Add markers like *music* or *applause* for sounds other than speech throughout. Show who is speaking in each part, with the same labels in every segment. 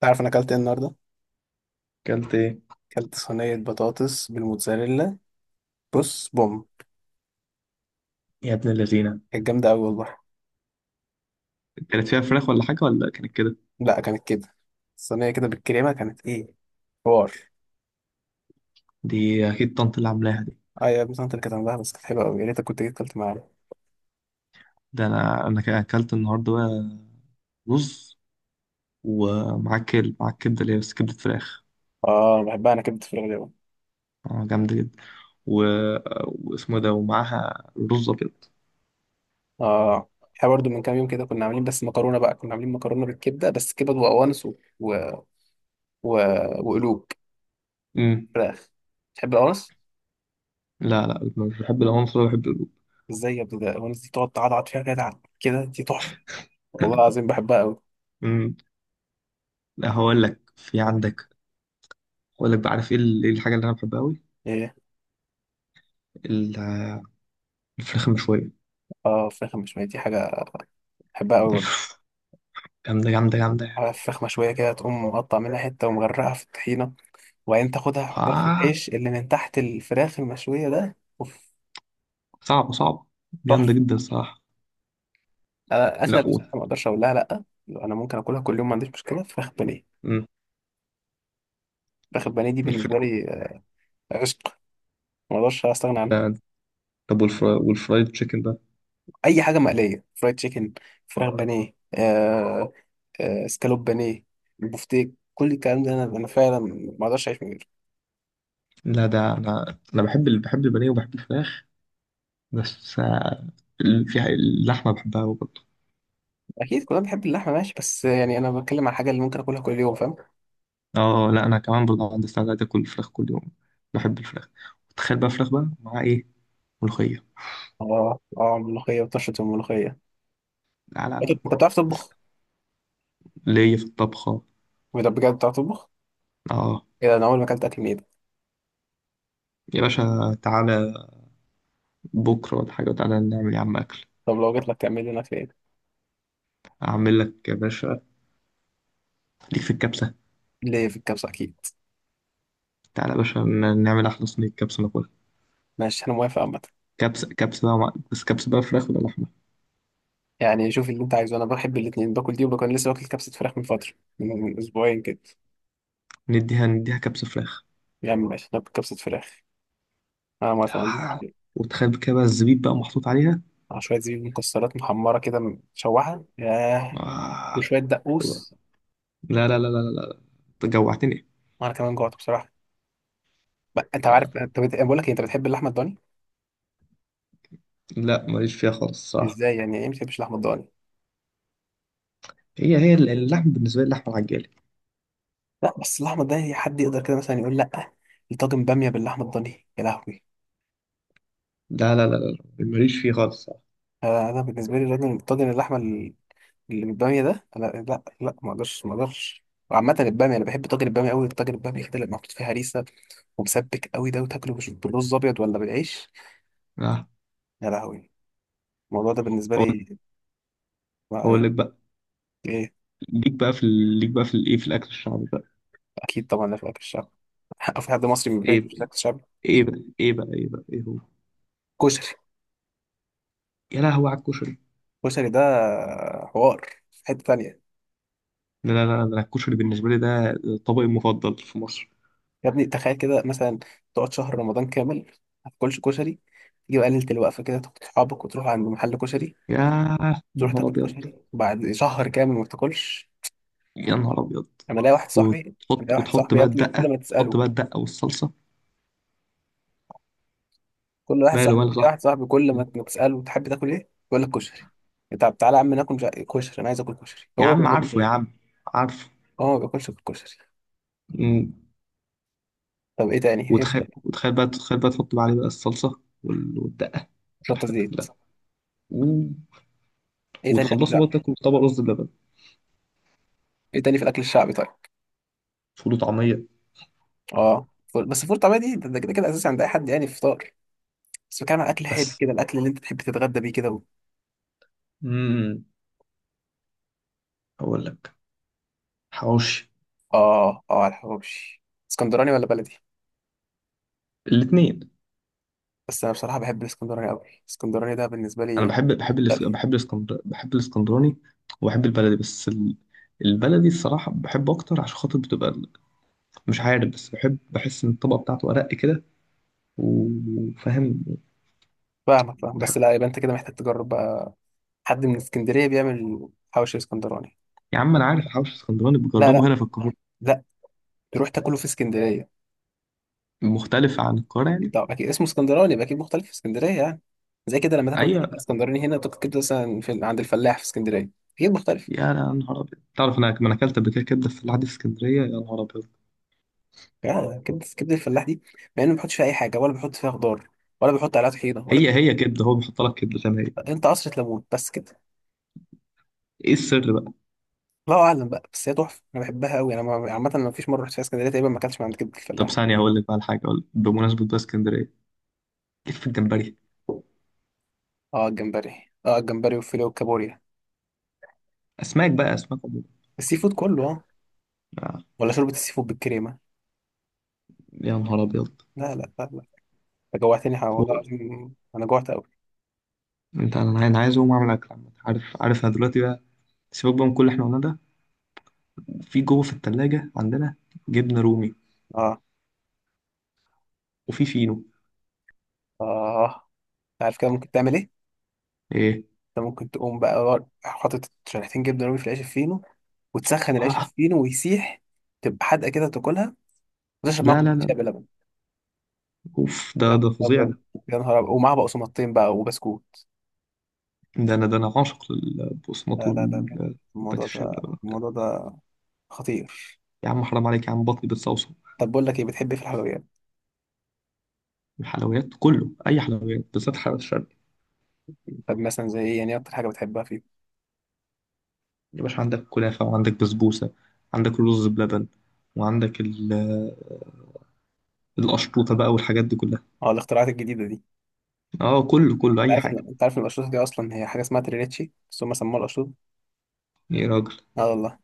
Speaker 1: تعرف انا اكلت ايه النهارده؟
Speaker 2: اكلت ايه
Speaker 1: اكلت صينيه بطاطس بالموتزاريلا. بص بوم.
Speaker 2: يا ابن اللذينة؟
Speaker 1: كانت جامده قوي والله.
Speaker 2: كانت فيها فراخ ولا حاجة ولا كانت كده؟
Speaker 1: لا، كانت كده. الصينيه كده بالكريمه كانت ايه حوار.
Speaker 2: دي أكيد طنط اللي عاملاها دي.
Speaker 1: اه يا ابني، انت اللي كانت عندها، بس كانت حلوه قوي. يا ريتك كنت جيت اكلت معانا.
Speaker 2: ده أكلت النهاردة بقى رز، ومعاه معاه كبدة، اللي هي بس كبدة فراخ.
Speaker 1: اه، بحبها انا كبده الفراخ دي أوي.
Speaker 2: جامدة جدا. و... واسمه ده، ومعاها رز أبيض.
Speaker 1: اه، احنا برضو من كام يوم كده كنا عاملين بس مكرونه بقى، كنا عاملين مكرونه بالكبده، بس كبد وقوانص و... و... وقلوب
Speaker 2: أمم.
Speaker 1: فراخ. تحب القوانص؟
Speaker 2: لا لا، مش بحب العنصر ولا بحب الرز.
Speaker 1: ازاي يا ابني، ده القوانص دي تقعد تعضعض فيها كده كده، دي تحفه. والله العظيم بحبها.
Speaker 2: أمم. لا، هقول لك في عندك، هقول لك بقى. عارف إيه إيه الحاجة اللي أنا بحبها أوي؟
Speaker 1: قوي.
Speaker 2: ال- الفراخ المشوية.
Speaker 1: اه، فراخ مشوية دي حاجة بحبها أوي برضه.
Speaker 2: *laughs* جامدة جامدة جامدة يعني.
Speaker 1: عارف، فراخ مشوية كده تقوم مقطع منها حتة ومغرقها في الطحينة، وبعدين تاخدها تحطها في
Speaker 2: آه،
Speaker 1: العيش اللي من تحت الفراخ المشوية، ده اوف.
Speaker 2: صعبة صعبة، جامدة
Speaker 1: تحفة.
Speaker 2: جدا الصراحة.
Speaker 1: أنا أكلة
Speaker 2: لا.
Speaker 1: اللي بصراحة ما أقدرش أقول لها لأ. أنا ممكن أكلها كل يوم ما عنديش مشكلة، فراخ بانيه.
Speaker 2: مم.
Speaker 1: فراخ البانيه دي بالنسبة
Speaker 2: الفر...
Speaker 1: لي آه، عشق. ما أقدرش أستغنى عنها.
Speaker 2: ده- طب والفرايد تشيكن ده؟
Speaker 1: أي حاجة مقلية، فرايد تشيكن، فراخ بانيه آه، آه سكالوب بانيه، البفتيك، كل الكلام ده أنا فعلا ما أقدرش أعيش من غيره.
Speaker 2: لا، ده انا بحب بحب البانيه وبحب الفراخ. بس آه، في اللحمه بحبها أوي برضه.
Speaker 1: اكيد كلنا بنحب اللحمه ماشي، بس يعني انا بتكلم على الحاجه اللي ممكن اكلها كل يوم، فاهم.
Speaker 2: اه لا، انا كمان برضه عندي استعداد اكل الفراخ كل يوم. بحب الفراخ. تخيل بقى فراخ بقى مع ايه؟ ملوخيه.
Speaker 1: اه اه، ملوخيه وطشه الملوخيه.
Speaker 2: لا لا لا،
Speaker 1: أكيد. انت بتعرف
Speaker 2: بس
Speaker 1: تطبخ؟
Speaker 2: ليا في الطبخه.
Speaker 1: بجد بجد، بتعرف تطبخ؟
Speaker 2: اه
Speaker 1: ايه ده، انا اول ما اكلت اكل من ايدك.
Speaker 2: يا باشا، تعالى بكره ولا حاجه، تعالى نعمل يا عم اكل.
Speaker 1: طب لو جيت لك تعمل لنا اكل ايه؟
Speaker 2: اعمل لك يا باشا، ليك في الكبسه.
Speaker 1: ليه في الكبسه اكيد.
Speaker 2: تعالى يا باشا، نعمل احلى صينيه كبسه ناكلها.
Speaker 1: ماشي انا موافق عامه.
Speaker 2: كبسه بقى بس كبسه بقى فراخ ولا لحمه؟
Speaker 1: يعني شوف اللي انت عايزه، انا بحب الاثنين، باكل دي وبكون لسه واكل كبسه فراخ من فتره، من اسبوعين كده.
Speaker 2: نديها نديها كبسة فراخ.
Speaker 1: يعني ماشي ناكل كبسه فراخ، انا موافق ما عنديش مشكله.
Speaker 2: وتخيل كده بقى الزبيب بقى محطوط عليها.
Speaker 1: مع شويه زبيب مكسرات محمره كده، مشوحه، ياه.
Speaker 2: آه.
Speaker 1: وشويه
Speaker 2: لا
Speaker 1: دقوس.
Speaker 2: لا لا لا لا لا أنت جوعتني.
Speaker 1: وانا كمان جوعت بصراحه. بقى انت عارف، بقول لك إيه، انت بتحب اللحمه الضاني؟
Speaker 2: لا، ماليش فيها خالص صح.
Speaker 1: ازاي يعني، ايه ما بتحبش اللحمه الضاني؟
Speaker 2: هي اللحم بالنسبة لي اللحمة العجالة.
Speaker 1: لا، بس اللحمه الضاني حد يقدر كده مثلا يقول لا؟ الطاجن باميه باللحمه الضاني، يا لهوي.
Speaker 2: لا لا لا لا لا، ماليش فيه خالص صح.
Speaker 1: آه، انا بالنسبه لي الراجل، طاجن اللحمه اللي بالباميه ده، انا لا لا، ما اقدرش ما اقدرش. وعامة البامية أنا بحب طاجن البامية أوي، الطاجن البامية كده اللي محطوط فيه هريسة ومسبك أوي ده، وتاكله بالرز أبيض ولا بالعيش،
Speaker 2: آه.
Speaker 1: يا لهوي. الموضوع ده بالنسبة
Speaker 2: هقول،
Speaker 1: لي ما-
Speaker 2: هقول لك بقى،
Speaker 1: إيه.
Speaker 2: ليك بقى في ليك بقى في الايه، في الاكل الشعبي بقى.
Speaker 1: أكيد طبعا، لا في أكل الشعب. *laughs* في حد مصري ما
Speaker 2: ايه،
Speaker 1: بيحبش أكل الشعب؟
Speaker 2: ايه بقى ايه بقى ايه بقى ايه هو؟
Speaker 1: كشري.
Speaker 2: يا لهوي على الكشري.
Speaker 1: كشري ده حوار في حتة تانية.
Speaker 2: لا لا لا لا، الكشري بالنسبة لي ده طبقي المفضل في مصر.
Speaker 1: يا ابني تخيل كده مثلا، تقعد شهر رمضان كامل ما تاكلش كشري، تيجي بقى ليله الوقفه كده، تاخد صحابك وتروح عند محل كشري،
Speaker 2: يا، يا
Speaker 1: تروح
Speaker 2: نهار
Speaker 1: تاكل
Speaker 2: ابيض،
Speaker 1: كشري بعد شهر كامل ما بتاكلش.
Speaker 2: يا نهار ابيض.
Speaker 1: انا لاقي واحد صاحبي، انا لاقي
Speaker 2: وتحط،
Speaker 1: واحد
Speaker 2: وتحط
Speaker 1: صاحبي يا
Speaker 2: بقى
Speaker 1: ابني، كل
Speaker 2: الدقه،
Speaker 1: ما
Speaker 2: تحط
Speaker 1: تساله،
Speaker 2: بقى الدقه والصلصه.
Speaker 1: كل واحد
Speaker 2: ماله
Speaker 1: صاحبي
Speaker 2: ماله
Speaker 1: لاقي
Speaker 2: صح.
Speaker 1: واحد صاحبي، كل ما تساله تحب تاكل ايه يقول لك كشري. طب تعالى يا عم ناكل كشري، انا عايز اكل كشري،
Speaker 2: يا
Speaker 1: هو ما
Speaker 2: عم عارفه يا
Speaker 1: بياكلش.
Speaker 2: عم، عارفه.
Speaker 1: هو ما بياكلش غير كشري.
Speaker 2: مم.
Speaker 1: طب ايه تاني،
Speaker 2: وتخيل،
Speaker 1: ايه؟
Speaker 2: وتخيل بقى، تخيل بقى تحط بقى عليه بقى الصلصه والدقه
Speaker 1: شطه
Speaker 2: والحاجات دي
Speaker 1: زيت.
Speaker 2: كلها. مم.
Speaker 1: ايه تاني اكل
Speaker 2: وتخلصوا
Speaker 1: شعبي؟
Speaker 2: بقى تاكلوا طبق رز بلبن.
Speaker 1: ايه تاني في الاكل الشعبي طيب؟
Speaker 2: فول وطعميه.
Speaker 1: اه، بس الفول الطعميه دي ده كده كده اساسي عند اي حد، يعني فطار. بس بتكلم عن اكل حادق
Speaker 2: بس،
Speaker 1: كده، الاكل اللي انت تحب تتغدى بيه كده
Speaker 2: امم، اقول لك، حواوشي.
Speaker 1: اه اه، على الحواوشي. اسكندراني ولا بلدي؟
Speaker 2: الاثنين.
Speaker 1: بس انا بصراحه بحب الاسكندراني قوي، الاسكندراني ده بالنسبه
Speaker 2: انا
Speaker 1: لي.
Speaker 2: بحب،
Speaker 1: لا،
Speaker 2: بحب الاسكندر بحب الاسكندراني وبحب البلدي. بس البلدي الصراحه بحبه اكتر، عشان خاطر بتبقى، مش عارف، بس بحب، بحس ان الطبقه بتاعته ارق كده. وفاهم.
Speaker 1: فاهمك فاهم، بس
Speaker 2: بحب.
Speaker 1: لا، يبقى انت كده محتاج تجرب بقى. حد من اسكندريه بيعمل حواوشي اسكندراني؟
Speaker 2: يا عم، انا عارف الحوش الاسكندراني
Speaker 1: لا
Speaker 2: بجربه
Speaker 1: لا،
Speaker 2: هنا في القاهره.
Speaker 1: لا، تروح تاكله في اسكندريه.
Speaker 2: مختلف عن القاهره
Speaker 1: اكيد
Speaker 2: يعني؟
Speaker 1: طبعا، اكيد اسمه اسكندراني، يبقى اكيد مختلف في اسكندريه يعني. زي كده لما تاكل
Speaker 2: ايوه.
Speaker 1: اسكندراني هنا، تاكل كبده مثلا عند الفلاح في اسكندريه، اكيد مختلف.
Speaker 2: يا نهار ابيض، تعرف انا، ما انا اكلت قبل كده كبده في العادي في اسكندريه، يا نهار ابيض.
Speaker 1: يعني كبده، كبده الفلاح دي، مع انه ما بيحطش فيها اي حاجه، ولا بيحط فيها خضار، ولا بيحط عليها طحينه، ولا
Speaker 2: هي كبده، هو بيحط لك كبده زي ما هي.
Speaker 1: انت قصر ليمون، بس كده.
Speaker 2: ايه السر بقى؟
Speaker 1: الله اعلم بقى، بس هي تحفه، انا بحبها قوي. انا عامه ما فيش مره رحت فيها اسكندريه تقريبا ما اكلتش من عند كبده
Speaker 2: طب
Speaker 1: الفلاح.
Speaker 2: ثانيه، هقول لك بقى الحاجه، اقول لك بمناسبه بقى اسكندريه، ليك في الجمبري.
Speaker 1: اه الجمبري، اه الجمبري والفيليه والكابوريا.
Speaker 2: اسماك بقى، اسماك عموما.
Speaker 1: السي فود كله، اه.
Speaker 2: آه،
Speaker 1: ولا شوربه السي فود بالكريمه،
Speaker 2: يا نهار ابيض.
Speaker 1: لا لا لا لا. انت جوعتني والله
Speaker 2: هو
Speaker 1: العظيم انا جوعت قوي.
Speaker 2: انت، انا عايز، أنا عايز اقوم اعمل اكل عامة. عارف، عارف انا دلوقتي بقى، سيبك بقى من كل اللي احنا قلناه ده، في جوه في التلاجة عندنا جبنة رومي،
Speaker 1: اه.
Speaker 2: وفي فينو.
Speaker 1: اه، انت عارف كده ممكن تعمل ايه؟
Speaker 2: ايه؟
Speaker 1: انت ممكن تقوم بقى حاطط شريحتين جبنه رومي في العيش الفينو، وتسخن العيش
Speaker 2: آه.
Speaker 1: الفينو ويسيح، تبقى حادقه كده تاكلها، وتشرب معاك
Speaker 2: لا لا
Speaker 1: كوبايه شاي
Speaker 2: لا،
Speaker 1: بلبن.
Speaker 2: اوف،
Speaker 1: يا
Speaker 2: ده
Speaker 1: نهار
Speaker 2: ده فظيع
Speaker 1: ابيض.
Speaker 2: ده.
Speaker 1: يا نهار ابيض، ومعاها بقسماطتين بقى وبسكوت.
Speaker 2: ده انا، ده انا عاشق للبقسماط
Speaker 1: لا لا لا لا.
Speaker 2: وبات
Speaker 1: الموضوع
Speaker 2: الشام
Speaker 1: ده،
Speaker 2: ده.
Speaker 1: الموضوع
Speaker 2: ده-
Speaker 1: ده خطير.
Speaker 2: يا عم حرام عليك يا عم، بطني بتصوصو.
Speaker 1: طب بقول لك ايه، بتحب إيه في الحلويات؟
Speaker 2: الحلويات كله، اي حلويات، بالذات حلويات الشرق.
Speaker 1: طب مثلا زي ايه يعني، إيه اكتر حاجه بتحبها فيه؟
Speaker 2: يا باشا، عندك كنافة، وعندك بسبوسة، عندك رز بلبن، وعندك القشطوطة بقى والحاجات دي كلها.
Speaker 1: اه الاختراعات الجديده دي، انت
Speaker 2: اه، كله كله اي
Speaker 1: عارف ان
Speaker 2: حاجة.
Speaker 1: انت عارف ان الاشطوطه دي اصلا هي حاجه اسمها تريليتشي، بس هم سموها الاشطوطه.
Speaker 2: ايه يا راجل؟
Speaker 1: اه والله.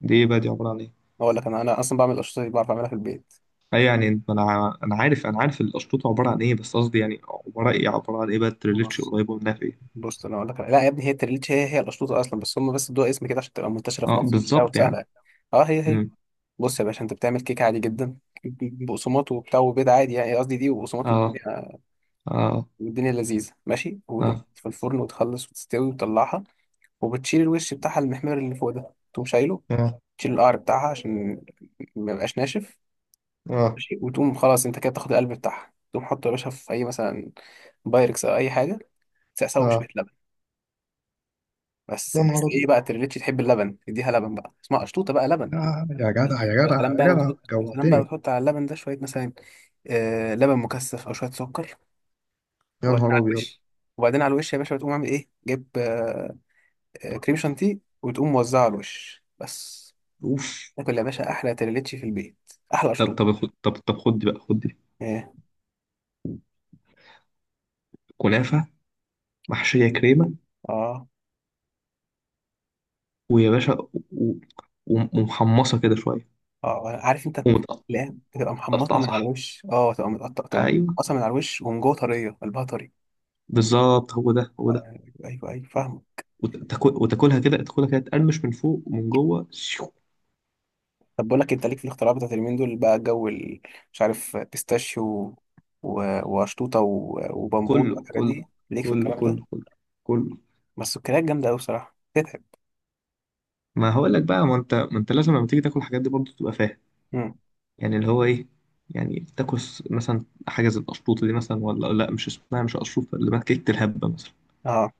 Speaker 2: دي إيه بقى؟ دي عبارة عن إيه؟
Speaker 1: اقول لك، انا اصلا بعمل الاشطوطه دي، بعرف اعملها في البيت.
Speaker 2: اي يعني انت، انا عارف، انا عارف الاشرطه عباره عن ايه، بس قصدي يعني عباره ايه، عباره عن ايه بقى التريليتش
Speaker 1: بص
Speaker 2: قريبه منها في ايه؟
Speaker 1: بص، انا اقول لك، لا يا ابني، هي التريليتشي هي هي الاشطوطه اصلا، بس هم ادوها اسم كده عشان تبقى منتشره في
Speaker 2: اه
Speaker 1: مصر وبتاع،
Speaker 2: بالظبط
Speaker 1: وسهله
Speaker 2: يعني.
Speaker 1: يعني. اه هي هي.
Speaker 2: مم.
Speaker 1: بص يا باشا، انت بتعمل كيكه عادي جدا، بقسماط وبتاع وبيض عادي، يعني قصدي دي، وبقسماط
Speaker 2: اه
Speaker 1: والدنيا،
Speaker 2: اه
Speaker 1: والدنيا لذيذة ماشي. وتروح
Speaker 2: اه
Speaker 1: في الفرن، وتخلص وتستوي وتطلعها. وبتشيل الوش بتاعها المحمر اللي فوق ده، تقوم شايله.
Speaker 2: اه
Speaker 1: تشيل القعر بتاعها عشان ما يبقاش ناشف.
Speaker 2: اه
Speaker 1: ماشي، وتقوم خلاص انت كده تاخد القلب بتاعها، تقوم حطه يا باشا في اي، مثلا بايركس او اي حاجة. تسقسه بشوية
Speaker 2: اه.
Speaker 1: لبن. بس
Speaker 2: يا
Speaker 1: بس
Speaker 2: نهار
Speaker 1: ايه
Speaker 2: ابيض،
Speaker 1: بقى، تريليتش تحب اللبن تديها لبن، بقى اسمها قشطوطة بقى، لبن.
Speaker 2: لا يا جدع يا
Speaker 1: يا
Speaker 2: جدع
Speaker 1: سلام
Speaker 2: يا
Speaker 1: بقى لو
Speaker 2: جدع،
Speaker 1: تحط، يا سلام بقى لو
Speaker 2: جوعتني.
Speaker 1: تحط على اللبن ده شوية مثلا، آه لبن مكثف او شوية سكر.
Speaker 2: يا
Speaker 1: وبعدين
Speaker 2: نهار
Speaker 1: على
Speaker 2: ابيض،
Speaker 1: الوش، وبعدين على الوش يا باشا، بتقوم عامل ايه، جيب آه، كريم شانتيه، وتقوم موزعه على الوش بس.
Speaker 2: اوف.
Speaker 1: تاكل يا باشا احلى تريليتشي في البيت، احلى
Speaker 2: طب
Speaker 1: شطوط.
Speaker 2: طب خد، طب طب خد دي بقى، خد دي
Speaker 1: ايه.
Speaker 2: كنافه محشيه كريمه،
Speaker 1: اه
Speaker 2: ويا باشا، و- ومحمصه كده شويه،
Speaker 1: اه، عارف انت. لا، بتبقى محمصه
Speaker 2: ومتقطعه
Speaker 1: من على
Speaker 2: صح.
Speaker 1: الوش، اه تبقى متقطعه، تبقى
Speaker 2: ايوه،
Speaker 1: متقطعه من على الوش، ومن جوه طريه، قلبها طري.
Speaker 2: بالظبط، هو ده هو
Speaker 1: آه،
Speaker 2: ده.
Speaker 1: ايوه ايوه فاهمه.
Speaker 2: وتاكل، وتاكلها كده، تاكلها كده، تقرمش من فوق ومن جوه
Speaker 1: طب بقول لك إيه، انت ليك في الاختراعات بتاعت اليومين دول بقى، جو مش عارف، بيستاشيو وشطوطه وبمبوط
Speaker 2: كله
Speaker 1: والحاجات
Speaker 2: كله
Speaker 1: دي، ليك في
Speaker 2: كله
Speaker 1: الكلام ده؟
Speaker 2: كله كله كله.
Speaker 1: بس السكريات جامده قوي بصراحه، تتعب.
Speaker 2: ما هقول لك بقى، ما انت ما انت لازم لما تيجي تاكل الحاجات دي برضه تبقى فاهم.
Speaker 1: مم.
Speaker 2: يعني اللي هو ايه، يعني تاكل مثلا حاجه زي القشطوطه دي مثلا، ولا لا مش اسمها، مش قشطوطه، اللي بقى كيكه الهبه مثلا.
Speaker 1: اه،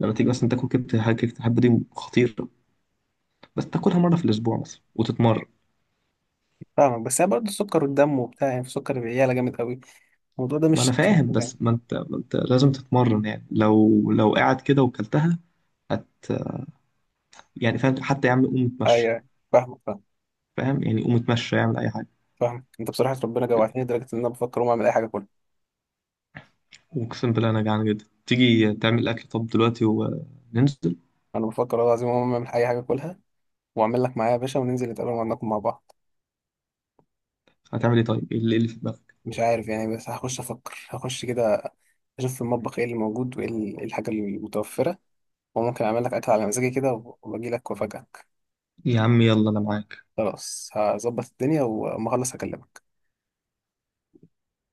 Speaker 2: لما تيجي مثلا تاكل كيكه الهبه، كيكه الهبه دي خطيره. بس تاكلها مره في الاسبوع مثلا وتتمرن.
Speaker 1: فاهمك، بس هي برضه السكر والدم وبتاع يعني، في سكر العيالة جامد قوي، الموضوع ده
Speaker 2: ما انا
Speaker 1: مش أحسن
Speaker 2: فاهم،
Speaker 1: حاجة يعني.
Speaker 2: بس ما انت ما انت لازم تتمرن، يعني لو، لو قاعد كده وكلتها، هت، يعني فاهم، حتى يا عم قوم
Speaker 1: أيوه
Speaker 2: اتمشى.
Speaker 1: أيوه. فاهمك، فاهمك
Speaker 2: فاهم؟ يعني قوم اتمشى، اعمل اي حاجه.
Speaker 1: فاهمك. أنت بصراحة ربنا جوعتني لدرجة إن أنا بفكر أقوم أعمل أي حاجة كلها.
Speaker 2: واقسم بالله انا جعان جدا، تيجي تعمل اكل طب دلوقتي وننزل؟
Speaker 1: أنا بفكر والله العظيم أقوم أعمل أي حاجة كلها، وأعمل لك معايا يا باشا، وننزل نتقابل وناكل مع بعض.
Speaker 2: هتعمل ايه طيب؟ ايه اللي، إيه اللي في دماغك؟
Speaker 1: مش عارف يعني، بس هخش أفكر، هخش كده أشوف في المطبخ إيه اللي موجود، وإيه إيه الحاجة المتوفرة، وممكن أعمل لك أكل على مزاجي كده، وأجي لك وأفاجئك.
Speaker 2: يا عم يلا، انا معاك.
Speaker 1: خلاص، هظبط الدنيا وأما أخلص هكلمك.